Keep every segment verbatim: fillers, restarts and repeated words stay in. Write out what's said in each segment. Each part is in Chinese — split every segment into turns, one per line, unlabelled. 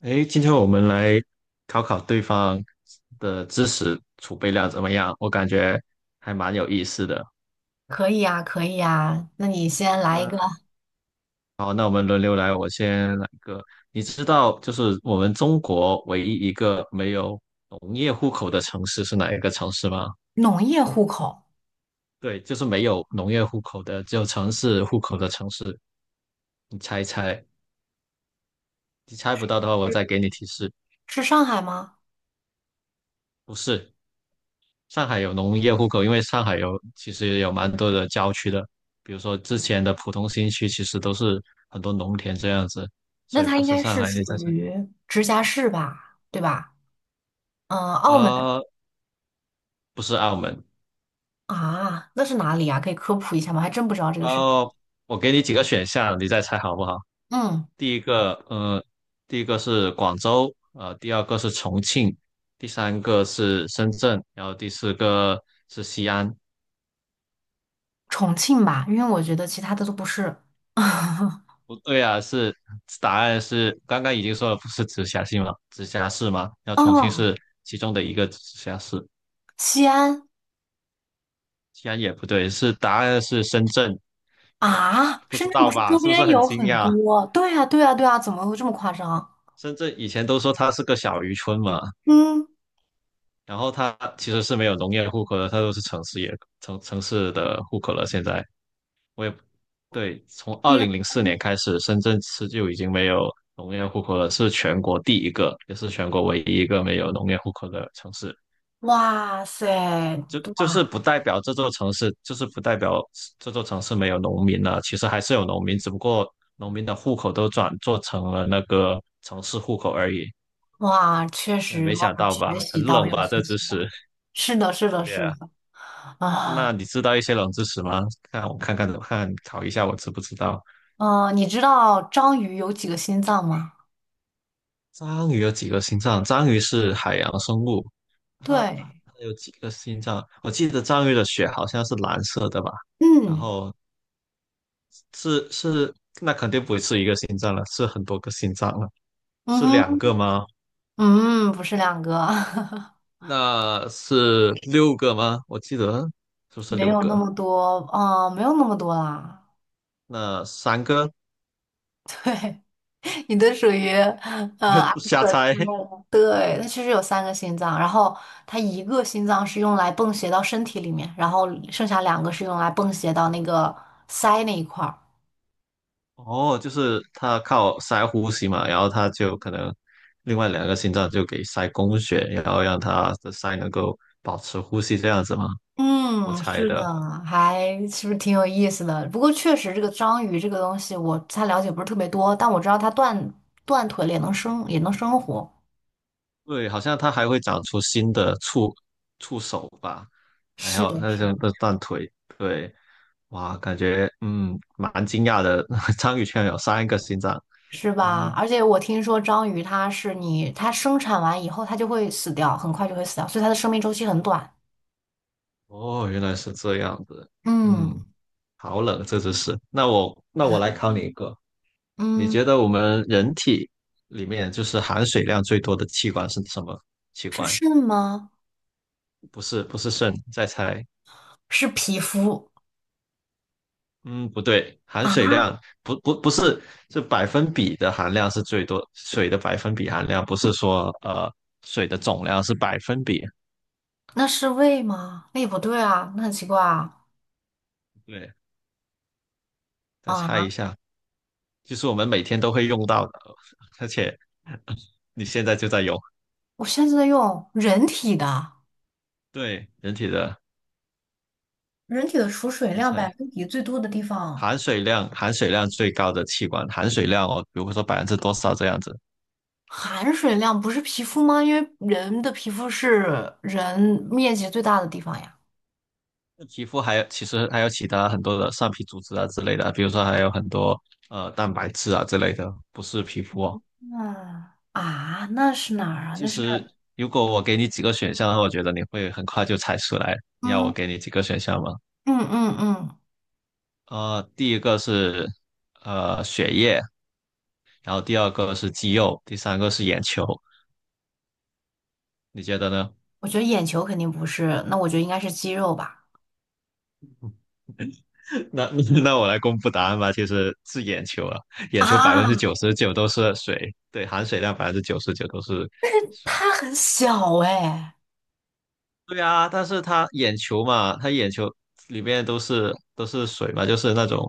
诶，今天我们来考考对方的知识储备量怎么样？我感觉还蛮有意思的。
可以呀，可以呀。那你先来一
那
个
好，那我们轮流来，我先来一个。你知道，就是我们中国唯一一个没有农业户口的城市是哪一个城市吗？
农业户口，
对，就是没有农业户口的，只有城市户口的城市。你猜一猜，你猜不到的话，我再给你提示，
是上海吗？
不是。上海有农业户口，因为上海有其实有蛮多的郊区的，比如说之前的浦东新区，其实都是很多农田这样子，
那
所以
它
不
应
是
该
上
是
海，你
属
再猜，
于直辖市吧，对吧？嗯，澳门
呃，不是澳门，
啊，那是哪里啊？可以科普一下吗？还真不知道这个事情。
哦，我给你几个选项，你再猜好不好？
嗯，
第一个，呃，第一个是广州，呃，第二个是重庆，第三个是深圳，然后第四个是西安。
重庆吧，因为我觉得其他的都不是。
不对啊，是答案是刚刚已经说了，不是直辖市吗？直辖市吗？然后重庆
哦，
是其中的一个直辖市，
西安
西安也不对，是答案是深圳，
啊，
不知
深圳
道
不是
吧？
周
是不是
边
很
有
惊
很
讶？
多？对呀，对呀，对呀，怎么会这么夸张？
深圳以前都说它是个小渔村嘛，
嗯，
然后它其实是没有农业户口的，它都是城市也城城市的户口了。现在我也对，从二
天
零零四年开始，深圳市就已经没有农业户口了，是全国第一个，也是全国唯一一个没有农业户口的城市。
哇塞，
就
对
就是不代表这座城市，就是不代表这座城市没有农民了。其实还是有农民，只不过农民的户口都转做成了那个城市户口而已。
哇，确
呃，
实，
没
哇，
想
有
到吧？
学
很
习到，
冷
有
吧？这
学
知
习
识。
到。是的，是的，
对
是
呀、
的。
那
啊，
你知道一些冷知识吗？看我看看看看考一下我知不知道。
嗯，你知道章鱼有几个心脏吗？
章鱼有几个心脏？章鱼是海洋生物，它它
对，
有几个心脏？我记得章鱼的血好像是蓝色的吧？然
嗯，
后是是，那肯定不是一个心脏了，是很多个心脏了，
嗯
是两
哼，
个吗？
嗯，不是两个，
那是六个吗？我记得是不 是
没
六
有那
个？
么多，啊，没有那么多啦。
那三个
对，你的属于，呃，阿
瞎
克
猜
之类的对，它其实有三个心脏，然后它一个心脏是用来泵血到身体里面，然后剩下两个是用来泵血到那个鳃那一块儿。
哦，就是他靠塞呼吸嘛，然后他就可能另外两个心脏就给塞供血，然后让他的塞能够保持呼吸这样子吗？我
嗯，
猜
是的，
的。
还是不是挺有意思的？不过确实，这个章鱼这个东西，我它了解不是特别多，但我知道它断断腿了也能生，也能生活。
对，好像它还会长出新的触触手吧，还
是
有
的，
那
是
种
的，
的断腿，对，哇，感觉嗯蛮惊讶的，章鱼居然有三个心脏，
是吧？
嗯，
而且我听说章鱼它是你，它生产完以后它就会死掉，很快就会死掉，所以它的生命周期很短。
哦，原来是这样子，
嗯
嗯，好冷这只是，那我那我来考你一个，你
嗯，
觉得我们人体里面就是含水量最多的器官是什么器
是
官？
肾吗？
不是不是肾，再猜，
是皮肤
嗯，不对，含
啊？
水量不不不是，是百分比的含量是最多，水的百分比含量不是说呃水的总量是百分比。
那是胃吗？那也不对啊，那很奇怪啊！
对，再猜一
啊，
下，就是我们每天都会用到的，而且你现在就在用。
我现在在用人体的。
对，人体的，
人体的储水
你
量百
猜
分比最多的地方，
含水量含水量最高的器官，含水量哦，比如说百分之多少这样子。
含水量不是皮肤吗？因为人的皮肤是人面积最大的地方呀。
那皮肤还有其实还有其他很多的上皮组织啊之类的啊，比如说还有很多呃蛋白质啊之类的，不是皮肤哦。
嗯啊，那是哪儿啊？
其
那是
实如果我给你几个选项，我觉得你会很快就猜出来。你要我
嗯
给你几个选项吗？
嗯嗯嗯，
呃，第一个是呃血液，然后第二个是肌肉，第三个是眼球。你觉得呢？
我觉得眼球肯定不是，那我觉得应该是肌肉吧。
那那我来公布答案吧。其实是眼球啊，眼球百分之
啊，
九十九都是水，对，含水量百分之九十九都是水。
它很小哎！
对啊，但是他眼球嘛，他眼球里面都是都是水嘛，就是那种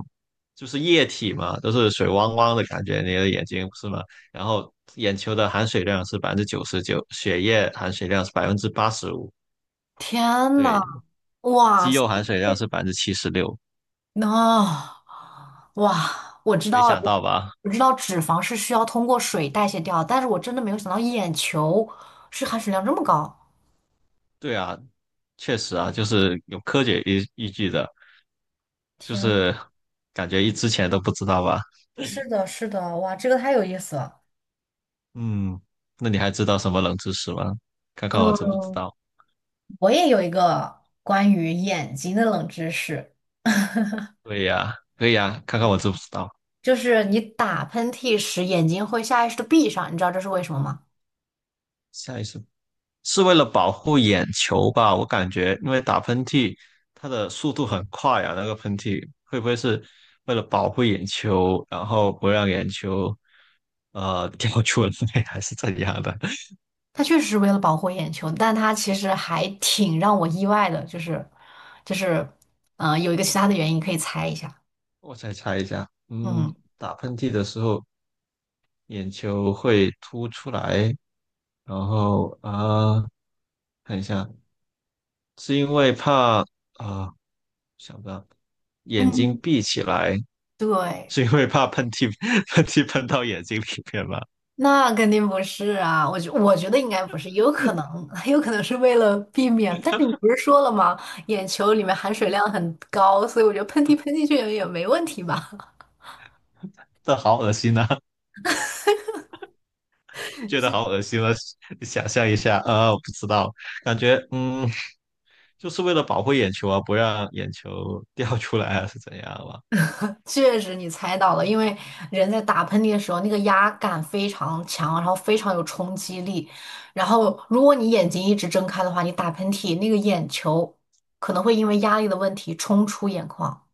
就是液体嘛，都是水汪汪的感觉，你的眼睛不是吗？然后眼球的含水量是百分之九十九，血液含水量是百分之八十五，
天
对，
呐，哇
肌肉含水量是百分之七十六，
哦，哇，我知
没
道了
想
我
到吧？
我知道脂肪是需要通过水代谢掉，但是我真的没有想到眼球是含水量这么高。
对啊，确实啊，就是有科学依依据的，就
天呐，
是感觉一之前都不知道吧？
是的，是的，哇，这个太有意思了。
嗯，那你还知道什么冷知识吗？看看我知不知
嗯，
道。
我也有一个关于眼睛的冷知识，
对呀，可以呀，看看我知不知道。
就是你打喷嚏时眼睛会下意识的闭上，你知道这是为什么吗？
下一次是为了保护眼球吧？我感觉，因为打喷嚏，它的速度很快啊，那个喷嚏会不会是为了保护眼球，然后不让眼球呃 掉出来，还是怎样的？
它确实是为了保护眼球，但它其实还挺让我意外的，就是就是，嗯、有一个其他的原因可以猜一下。
我再猜一下，嗯，
嗯
打喷嚏的时候眼球会凸出来，然后啊、呃看一下，是因为怕啊、想不到眼睛
嗯，
闭起来。
对，
是因为怕喷嚏喷嚏喷到眼睛里面吗？
那肯定不是啊，我觉我觉得应该不是，有可 能，有可能是为了避免。但是你不是说了吗？眼球里面含水量很高，所以我觉得喷嚏喷进去也也没问题吧？
这好恶心啊！觉得好恶心了，你想象一下，呃，我不知道，感觉嗯，就是为了保护眼球啊，不让眼球掉出来啊，是怎样吧？
确实，你猜到了，因为人在打喷嚏的时候，那个压感非常强，然后非常有冲击力。然后，如果你眼睛一直睁开的话，你打喷嚏，那个眼球可能会因为压力的问题冲出眼眶。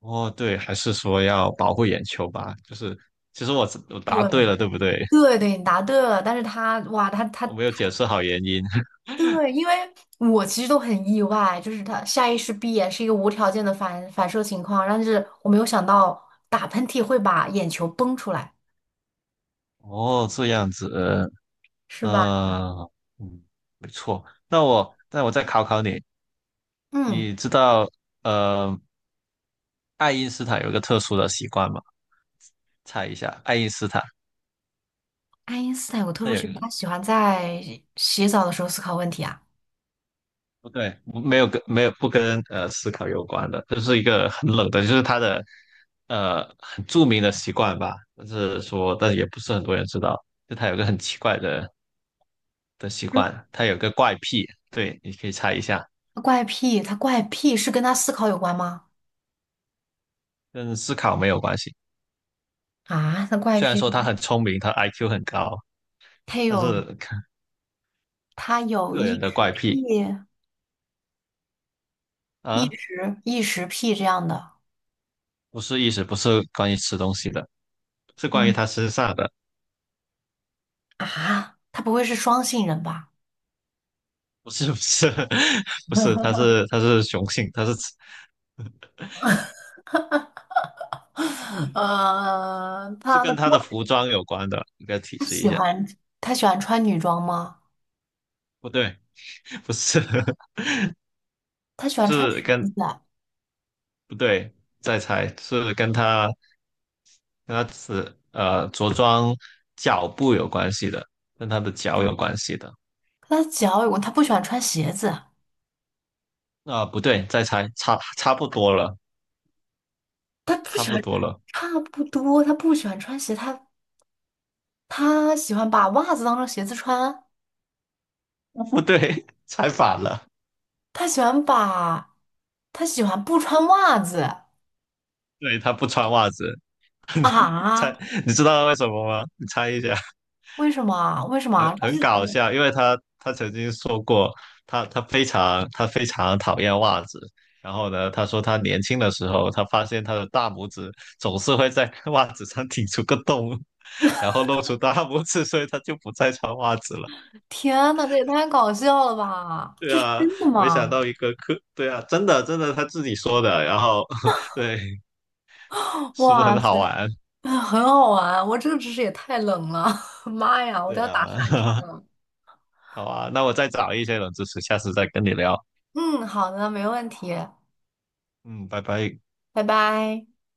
哦，对，还是说要保护眼球吧？就是其实我我答对了，
对，
对不对？
对对，你答对了，但是他哇，他他
我没有解释好原因。
对，因为我其实都很意外，就是他下意识闭眼是一个无条件的反反射情况，但是我没有想到打喷嚏会把眼球崩出来，
哦，这样子，
是吧？
呃，嗯，错。那我那我再考考你，
嗯，
你知道呃爱因斯坦有一个特殊的习惯嘛？猜一下，爱因斯坦
爱因斯坦有个特
他
殊
有
情
一个
况，他喜欢在洗澡的时候思考问题啊。
不对，没有跟没有不跟呃思考有关的，就是一个很冷的，就是他的呃很著名的习惯吧，就是说，但也不是很多人知道，就他有个很奇怪的的习惯，他有个怪癖，对，你可以猜一下，
他怪癖，他怪癖是跟他思考有关吗？
跟思考没有关系。
啊，他怪
虽然
癖，
说他很聪明，他 I Q 很高，
他
但
有
是
他有
个人
异
的
食
怪癖
癖、异
啊，
食异食癖这样的。
不是意思不是关于吃东西的，是关于
嗯
他身上的。
啊，他不会是双性人吧？
不是不是 不是，它是它是雄性，它是
呃，
是
他
跟
的
它
锅
的服装有关的，应该提
他
示一
喜
下。
欢他喜欢穿女装吗？
不对，不是
他喜 欢穿
是
裙
跟
子啊
不对，再猜是跟它跟它是呃着装脚步有关系的，跟它的脚有关系的。
他的脚有问他不喜欢穿鞋子，
啊、不对，再猜，差差不多了，
他不
差
喜
不
欢，
多了，
差不多，他不喜欢穿鞋，他他喜欢把袜子当成鞋子穿，
不对，猜反了。
他喜欢把，他喜欢不穿袜子
对，它不穿袜子，
啊？
猜，你知道为什么吗？你猜一下。
为什么啊为什么啊
很很
这
搞
是
笑，因为他他曾经说过，他他非常他非常讨厌袜子。然后呢，他说他年轻的时候，他发现他的大拇指总是会在 袜子上顶出个洞，然后露出大拇指，所以他就不再穿袜子了。
天呐，这也太搞笑了吧！
对
这是
啊，
真的
没想
吗？
到一个科，对啊，真的真的他自己说的。然后 对，是不是
哇
很好
塞！
玩？
啊，很好玩。我这个知识也太冷了，妈呀，我都
对
要打寒颤
啊，
了。
好啊，那我再找一些冷知识，下次再跟你聊。
嗯，好的，没问题，
嗯，拜拜。
拜拜。